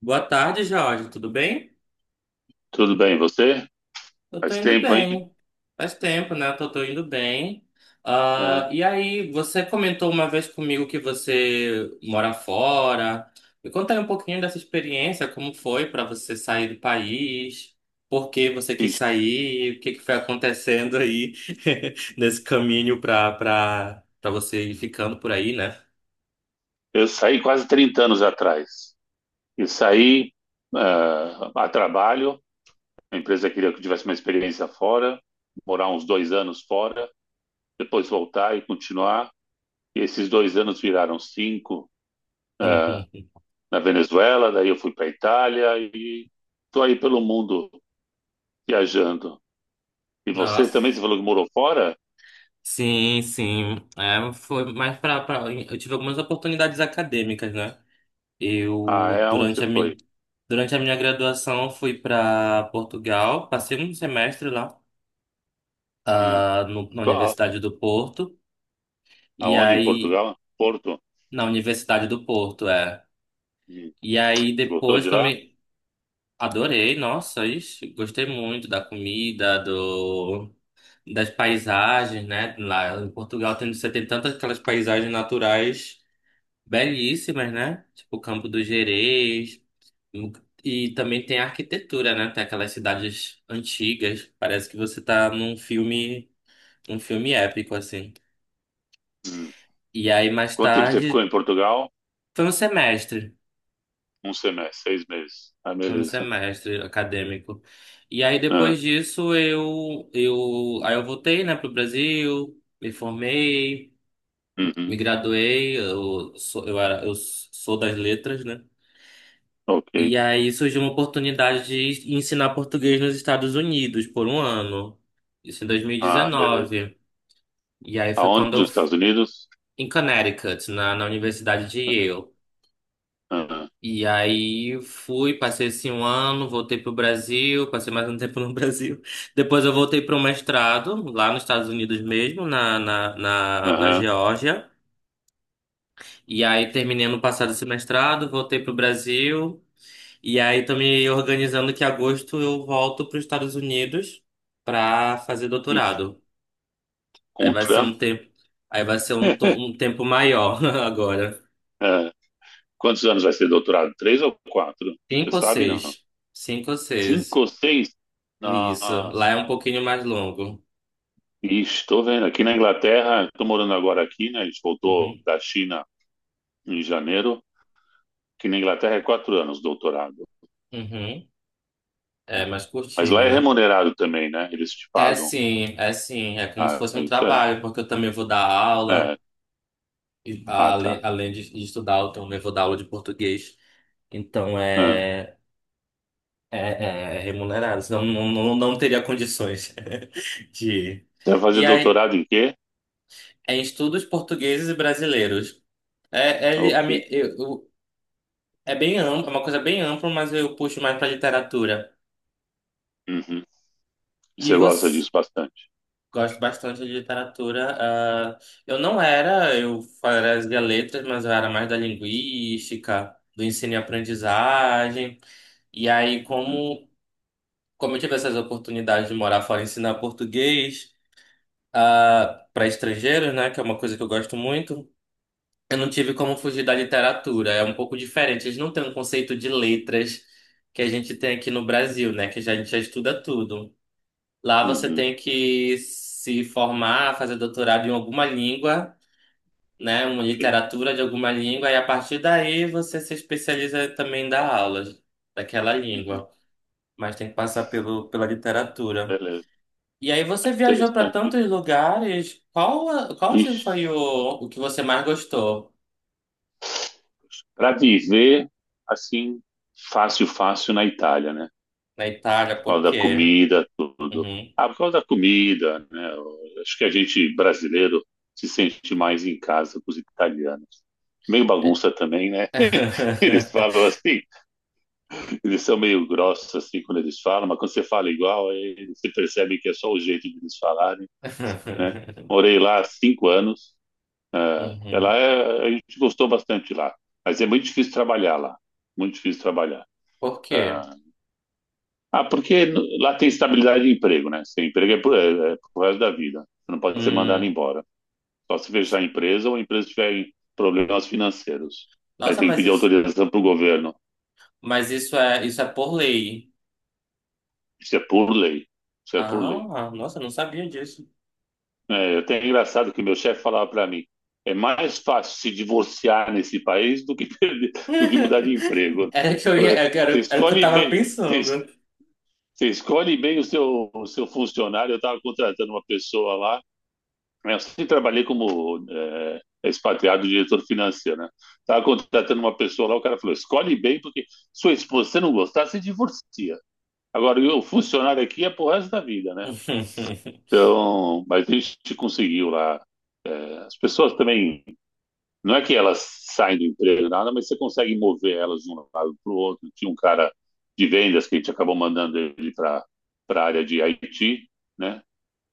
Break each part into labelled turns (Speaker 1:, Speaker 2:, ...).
Speaker 1: Boa tarde, Jorge. Tudo bem?
Speaker 2: Tudo bem, você?
Speaker 1: Eu tô
Speaker 2: Faz
Speaker 1: indo
Speaker 2: tempo, hein?
Speaker 1: bem. Faz tempo, né? Eu tô indo bem.
Speaker 2: É.
Speaker 1: E aí, você comentou uma vez comigo que você mora fora. Me conta aí um pouquinho dessa experiência, como foi pra você sair do país, por que você quis
Speaker 2: Ixi,
Speaker 1: sair, o que que foi acontecendo aí nesse caminho pra você ir ficando por aí, né?
Speaker 2: eu saí quase 30 anos atrás. E saí a trabalho. A empresa queria que eu tivesse uma experiência fora, morar uns 2 anos fora, depois voltar e continuar. E esses 2 anos viraram cinco, ah, na Venezuela. Daí eu fui para a Itália e estou aí pelo mundo viajando. E você também, você
Speaker 1: Nossa.
Speaker 2: falou que morou fora?
Speaker 1: Sim, sim. É, foi mais pra... Eu tive algumas oportunidades acadêmicas, né?
Speaker 2: Ah,
Speaker 1: Eu,
Speaker 2: é? Aonde você foi?
Speaker 1: durante a minha graduação, fui para Portugal, passei um semestre lá,
Speaker 2: Hum.
Speaker 1: na
Speaker 2: Qual-
Speaker 1: Universidade do Porto, e
Speaker 2: Aonde em
Speaker 1: aí...
Speaker 2: Portugal? Porto?
Speaker 1: Na Universidade do Porto, é.
Speaker 2: Hum.
Speaker 1: E aí,
Speaker 2: Gostou
Speaker 1: depois
Speaker 2: de
Speaker 1: que eu
Speaker 2: lá?
Speaker 1: me... Adorei, nossa, ixi, gostei muito da comida, do... das paisagens, né? Lá em Portugal tem, você tem tantas aquelas paisagens naturais belíssimas,
Speaker 2: Uhum.
Speaker 1: né? Tipo, o Campo do Gerês. E também tem a arquitetura, né? Tem aquelas cidades antigas. Parece que você tá num filme épico, assim.
Speaker 2: Uhum.
Speaker 1: E aí, mais
Speaker 2: Quanto tempo você ficou
Speaker 1: tarde,
Speaker 2: em Portugal?
Speaker 1: foi um semestre.
Speaker 2: Um semestre, 6 meses. Ah,
Speaker 1: Foi um
Speaker 2: beleza.
Speaker 1: semestre acadêmico. E aí,
Speaker 2: Ah,
Speaker 1: depois disso, aí eu voltei, né, pro Brasil, me formei,
Speaker 2: uhum.
Speaker 1: me graduei. Eu sou das letras, né?
Speaker 2: Ok.
Speaker 1: E aí surgiu uma oportunidade de ensinar português nos Estados Unidos por um ano. Isso em
Speaker 2: Ah,
Speaker 1: 2019. E
Speaker 2: beleza.
Speaker 1: dezenove. E aí foi
Speaker 2: Aonde?
Speaker 1: quando eu...
Speaker 2: Nos
Speaker 1: f-
Speaker 2: Estados Unidos?
Speaker 1: Em Connecticut, na Universidade de Yale.
Speaker 2: Aham.
Speaker 1: E aí fui, passei assim um ano, voltei pro Brasil, passei mais um tempo no Brasil. Depois eu voltei para um mestrado, lá nos Estados Unidos mesmo, na
Speaker 2: Aham.
Speaker 1: Geórgia. E aí terminei no passado esse mestrado, voltei pro Brasil. E aí tô me organizando que em agosto eu volto para os Estados Unidos para fazer
Speaker 2: E
Speaker 1: doutorado. Aí
Speaker 2: com o
Speaker 1: vai ser
Speaker 2: Trump?
Speaker 1: um tempo, aí vai ser um, to- um tempo maior agora.
Speaker 2: Ah, quantos anos vai ser doutorado? Três ou quatro?
Speaker 1: Cinco
Speaker 2: Você
Speaker 1: ou
Speaker 2: sabe, não?
Speaker 1: seis? Cinco ou
Speaker 2: Cinco
Speaker 1: seis.
Speaker 2: ou seis?
Speaker 1: Isso. Lá
Speaker 2: Nossa.
Speaker 1: é um pouquinho mais longo.
Speaker 2: Ixi, estou vendo. Aqui na Inglaterra, estou morando agora aqui, né? A gente voltou
Speaker 1: Uhum,
Speaker 2: da China em janeiro. Aqui na Inglaterra é 4 anos doutorado.
Speaker 1: uhum. É
Speaker 2: É.
Speaker 1: mais
Speaker 2: Mas lá
Speaker 1: curtinho,
Speaker 2: é
Speaker 1: né?
Speaker 2: remunerado também, né? Eles te
Speaker 1: É
Speaker 2: pagam.
Speaker 1: sim, é sim. É como se
Speaker 2: Ah,
Speaker 1: fosse um
Speaker 2: isso é.
Speaker 1: trabalho, porque eu também vou dar
Speaker 2: É.
Speaker 1: aula. E,
Speaker 2: Ah, tá.
Speaker 1: além de estudar, eu também vou dar aula de português. Então
Speaker 2: Ah.
Speaker 1: é. É, é remunerado, senão não teria condições de.
Speaker 2: Você vai fazer
Speaker 1: E aí,
Speaker 2: doutorado em quê?
Speaker 1: é em estudos portugueses e brasileiros. É, é, li- a
Speaker 2: Ok.
Speaker 1: mi- eu- é bem amplo, é uma coisa bem ampla, mas eu puxo mais para literatura.
Speaker 2: Uhum. E
Speaker 1: E
Speaker 2: você gosta
Speaker 1: você?
Speaker 2: disso bastante.
Speaker 1: Gosto bastante de literatura. Eu não era, eu fazia letras, mas eu era mais da linguística, do ensino e aprendizagem. E aí,
Speaker 2: Uhum.
Speaker 1: como eu tive essas oportunidades de morar fora e ensinar português. Para estrangeiros, né? Que é uma coisa que eu gosto muito. Eu não tive como fugir da literatura. É um pouco diferente. Eles não têm um conceito de letras que a gente tem aqui no Brasil, né? A gente já estuda tudo. Lá você
Speaker 2: Uhum.
Speaker 1: tem que se formar, fazer doutorado em alguma língua, né? Uma
Speaker 2: Ok.
Speaker 1: literatura de alguma língua, e a partir daí você se especializa também em dar aulas daquela
Speaker 2: Uhum.
Speaker 1: língua. Mas tem que passar pela literatura.
Speaker 2: Beleza.
Speaker 1: E aí
Speaker 2: É
Speaker 1: você viajou para
Speaker 2: interessante isso.
Speaker 1: tantos lugares. Qual assim
Speaker 2: Ixi.
Speaker 1: foi o que você mais gostou
Speaker 2: Para viver assim, fácil, fácil na Itália, né?
Speaker 1: na Itália?
Speaker 2: Por
Speaker 1: Por
Speaker 2: causa da
Speaker 1: quê?
Speaker 2: comida, tudo.
Speaker 1: Uhum.
Speaker 2: Ah, por causa da comida, né? Eu acho que a gente brasileiro se sente mais em casa com os italianos. Meio bagunça também, né? Eles falam assim, eles são meio grossos assim quando eles falam, mas quando você fala igual, aí você percebe que é só o jeito de eles falarem, né? Morei lá há 5 anos. Ela
Speaker 1: Uhum.
Speaker 2: é, a gente gostou bastante lá, mas é muito difícil trabalhar lá, muito difícil trabalhar.
Speaker 1: Por quê?
Speaker 2: Ah, ah, porque lá tem estabilidade de emprego, né? Seu emprego é pro resto da vida. Você não pode ser mandado
Speaker 1: Hum.
Speaker 2: embora. Só se fechar a empresa ou a empresa tiver problemas financeiros. Aí
Speaker 1: Nossa,
Speaker 2: tem que pedir autorização pro governo.
Speaker 1: mas isso é por lei.
Speaker 2: Isso é por lei. Isso é por lei.
Speaker 1: Ah, nossa, eu não sabia disso.
Speaker 2: É, até é engraçado que meu chefe falava para mim, é mais fácil se divorciar nesse país do que perder, do que mudar de emprego.
Speaker 1: Era que eu ia,
Speaker 2: Você
Speaker 1: era, era o que eu
Speaker 2: escolhe
Speaker 1: tava
Speaker 2: bem, você,
Speaker 1: pensando.
Speaker 2: você escolhe bem o seu funcionário. Eu estava contratando uma pessoa lá. É, eu sempre trabalhei como expatriado diretor financeiro, né? Tava contratando uma pessoa lá, o cara falou: escolhe bem, porque sua esposa, se você não gostar, você divorcia. Agora, o funcionário aqui é pro resto da vida, né? Então, mas a gente conseguiu lá. É, as pessoas também, não é que elas saem do emprego, nada, mas você consegue mover elas de um lado para o outro. Tinha um cara de vendas que a gente acabou mandando ele para a área de IT, né?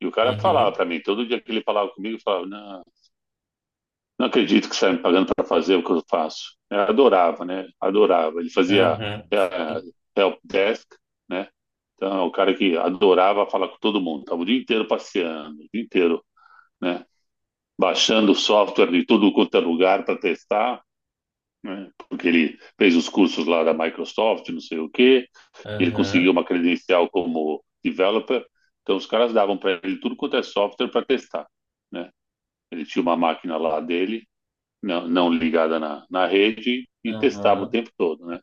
Speaker 2: E o cara falava
Speaker 1: Uhum.
Speaker 2: para mim, todo dia que ele falava comigo, eu falava, não, não acredito que está me pagando para fazer o que eu faço. Eu adorava, né? Adorava. Ele fazia
Speaker 1: Uhum.
Speaker 2: é, help desk, né? Então, é o cara que adorava falar com todo mundo. Estava o dia inteiro passeando, o dia inteiro, né? Baixando software de tudo quanto é lugar para testar, né? Porque ele fez os cursos lá da Microsoft, não sei o quê. Ele
Speaker 1: Uhum.
Speaker 2: conseguiu uma credencial como developer. Então, os caras davam para ele tudo quanto é software para testar, né? Ele tinha uma máquina lá dele não, não ligada na rede e
Speaker 1: Uhum.
Speaker 2: testava o
Speaker 1: Uhum.
Speaker 2: tempo todo, né?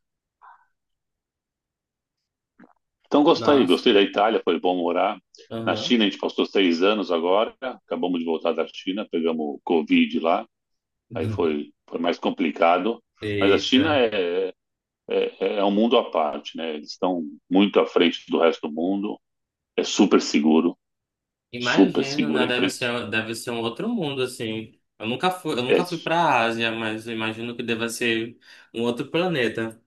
Speaker 2: Então gostei,
Speaker 1: Nossa.
Speaker 2: gostei da Itália, foi bom morar. Na
Speaker 1: Uhum.
Speaker 2: China a gente passou 6 anos agora, acabamos de voltar da China, pegamos o Covid lá, aí foi mais complicado. Mas a China
Speaker 1: Eita.
Speaker 2: é um mundo à parte, né? Eles estão muito à frente do resto do mundo, é super seguro, super
Speaker 1: Imagino,
Speaker 2: seguro.
Speaker 1: né? Deve ser um outro mundo, assim. Eu nunca
Speaker 2: É,
Speaker 1: fui pra Ásia, mas eu imagino que deva ser um outro planeta.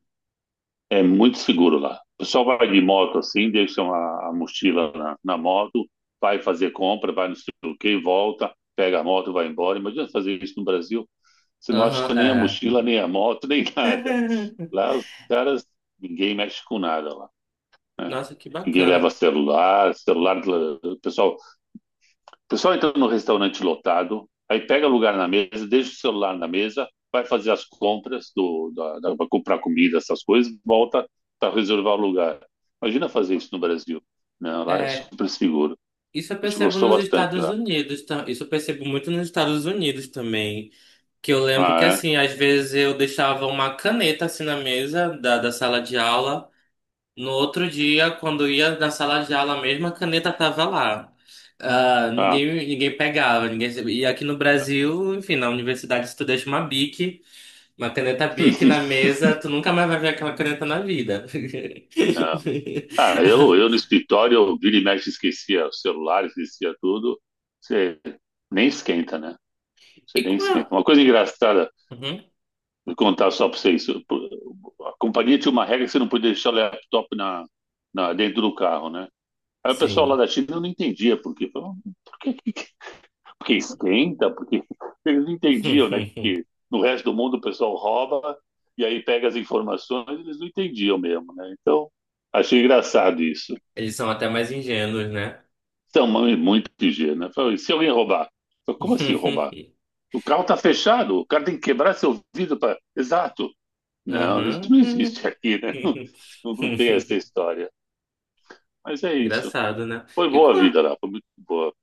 Speaker 2: é muito seguro lá. O pessoal vai de moto assim, deixa uma a mochila na moto, vai fazer compra, vai no sei o quê, volta, pega a moto, vai embora. Imagina fazer isso no Brasil. Você não
Speaker 1: Aham,
Speaker 2: acha nem a
Speaker 1: é.
Speaker 2: mochila, nem a moto, nem nada. Lá os caras, ninguém mexe com nada lá, né?
Speaker 1: Nossa, que
Speaker 2: Ninguém
Speaker 1: bacana.
Speaker 2: leva celular, celular, o pessoal o pessoal entra no restaurante lotado, aí pega lugar na mesa, deixa o celular na mesa, vai fazer as compras da para comprar comida, essas coisas, volta para reservar o lugar. Imagina fazer isso no Brasil. Não, lá é
Speaker 1: É,
Speaker 2: super seguro.
Speaker 1: isso eu
Speaker 2: A gente
Speaker 1: percebo
Speaker 2: gostou
Speaker 1: nos
Speaker 2: bastante
Speaker 1: Estados
Speaker 2: lá.
Speaker 1: Unidos, isso eu percebo muito nos Estados Unidos também. Que eu lembro que,
Speaker 2: Ah, é?
Speaker 1: assim, às vezes eu deixava uma caneta assim na mesa da sala de aula. No outro dia, quando ia na sala de aula, a mesma caneta tava lá. Ah,
Speaker 2: Ah,
Speaker 1: ninguém pegava, ninguém... E aqui no Brasil, enfim, na universidade, se tu deixa uma Bic, uma caneta Bic na mesa, tu nunca mais vai ver aquela caneta na vida.
Speaker 2: Não. Eu no escritório, eu vira e mexe, esquecia o celular, esquecia tudo. Você nem esquenta, né? Você
Speaker 1: E
Speaker 2: nem
Speaker 1: com
Speaker 2: esquenta.
Speaker 1: a...
Speaker 2: Uma coisa engraçada.
Speaker 1: Uhum,
Speaker 2: Vou contar só para vocês. A companhia tinha uma regra que você não podia deixar o laptop na, dentro do carro, né? Aí o pessoal lá
Speaker 1: Sim.
Speaker 2: da China não entendia por quê. Falou, por que, porque esquenta? Porque eles não entendiam, né? Que no resto do mundo o pessoal rouba e aí pega as informações, eles não entendiam mesmo, né? Então, achei engraçado isso.
Speaker 1: Eles são até mais ingênuos, né?
Speaker 2: Então, muito ingênuo, né? Falei, se alguém roubar? Falei, como assim roubar? O carro tá fechado, o cara tem que quebrar seu vidro para. Exato. Não, isso não existe
Speaker 1: Uhum.
Speaker 2: aqui, né? Não, não tem essa história. Mas é isso.
Speaker 1: Engraçado, né?
Speaker 2: Foi
Speaker 1: E
Speaker 2: boa
Speaker 1: com
Speaker 2: a vida lá, foi muito boa.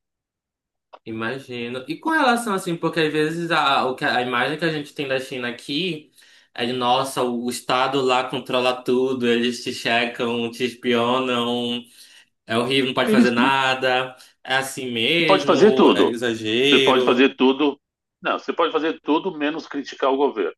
Speaker 1: Imagino. E com relação assim, porque às vezes a imagem que a gente tem da China aqui é de, nossa, o Estado lá controla tudo, eles te checam, te espionam, é horrível, não pode fazer
Speaker 2: Você
Speaker 1: nada, é assim
Speaker 2: pode fazer
Speaker 1: mesmo, é
Speaker 2: tudo. Você pode
Speaker 1: exagero.
Speaker 2: fazer tudo. Não, você pode fazer tudo menos criticar o governo.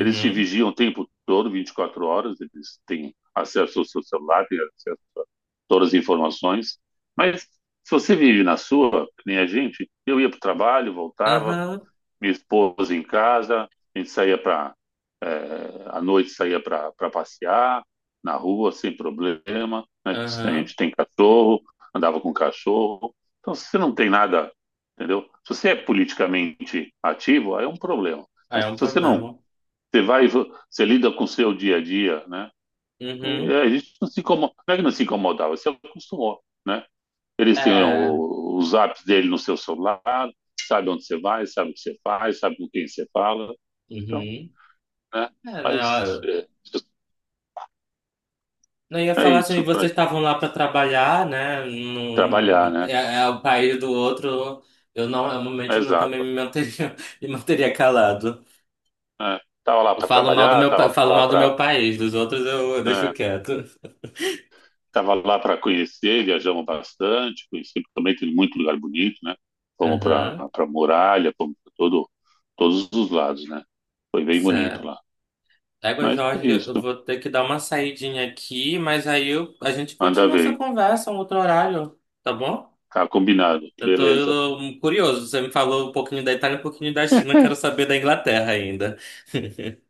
Speaker 2: Eles te vigiam o tempo todo, 24 horas, eles têm acesso ao seu celular, têm acesso a todas as informações. Mas se você vive na sua, que nem a gente, eu ia para o trabalho, voltava,
Speaker 1: Aham,
Speaker 2: minha esposa em casa, a gente saía para. É, à noite saía para passear na rua sem problema. Né? A
Speaker 1: aham.
Speaker 2: gente tem cachorro, andava com cachorro. Então, se você não tem nada, entendeu? Se você é politicamente ativo, aí é um problema.
Speaker 1: Aí é
Speaker 2: Mas
Speaker 1: um
Speaker 2: se você não,
Speaker 1: problema.
Speaker 2: você vai, você lida com o seu dia a dia, né?
Speaker 1: Uhum.
Speaker 2: E a gente não se incomoda, não é que não se incomodava, você acostumou, né? Eles têm
Speaker 1: É.
Speaker 2: os apps dele no seu celular, sabe onde você vai, sabe o que você faz, sabe com quem você fala. Então,
Speaker 1: Uhum.
Speaker 2: né?
Speaker 1: É,
Speaker 2: Mas
Speaker 1: né?
Speaker 2: é,
Speaker 1: Não, eu ia
Speaker 2: é
Speaker 1: falar assim,
Speaker 2: isso
Speaker 1: vocês
Speaker 2: para
Speaker 1: estavam lá para trabalhar, né?
Speaker 2: trabalhar,
Speaker 1: Num,
Speaker 2: né?
Speaker 1: é, é o país do outro. Eu
Speaker 2: É.
Speaker 1: realmente não também
Speaker 2: Exato.
Speaker 1: me manteria, me manteria calado.
Speaker 2: É. Tava lá
Speaker 1: Eu
Speaker 2: para
Speaker 1: falo mal do
Speaker 2: trabalhar,
Speaker 1: meu, pa- falo mal do meu país, dos outros eu deixo
Speaker 2: é,
Speaker 1: quieto.
Speaker 2: tava lá para conhecer, viajamos bastante, conheci também tem muito lugar bonito, né? Fomos para
Speaker 1: Aham,
Speaker 2: para muralha, fomos para todos os lados, né? Foi bem bonito
Speaker 1: certo.
Speaker 2: lá.
Speaker 1: Égua,
Speaker 2: Mas é
Speaker 1: Jorge, eu
Speaker 2: isso.
Speaker 1: vou ter que dar uma saidinha aqui, mas a gente
Speaker 2: Anda
Speaker 1: continua essa
Speaker 2: veio.
Speaker 1: conversa um outro horário, tá bom?
Speaker 2: Tá combinado.
Speaker 1: Eu tô
Speaker 2: Beleza.
Speaker 1: eu, curioso, você me falou um pouquinho da Itália, um pouquinho da China, eu quero saber da Inglaterra ainda.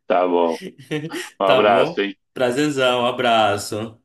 Speaker 2: Tá bom. Um
Speaker 1: Tá
Speaker 2: abraço,
Speaker 1: bom?
Speaker 2: hein?
Speaker 1: Prazerzão, abraço.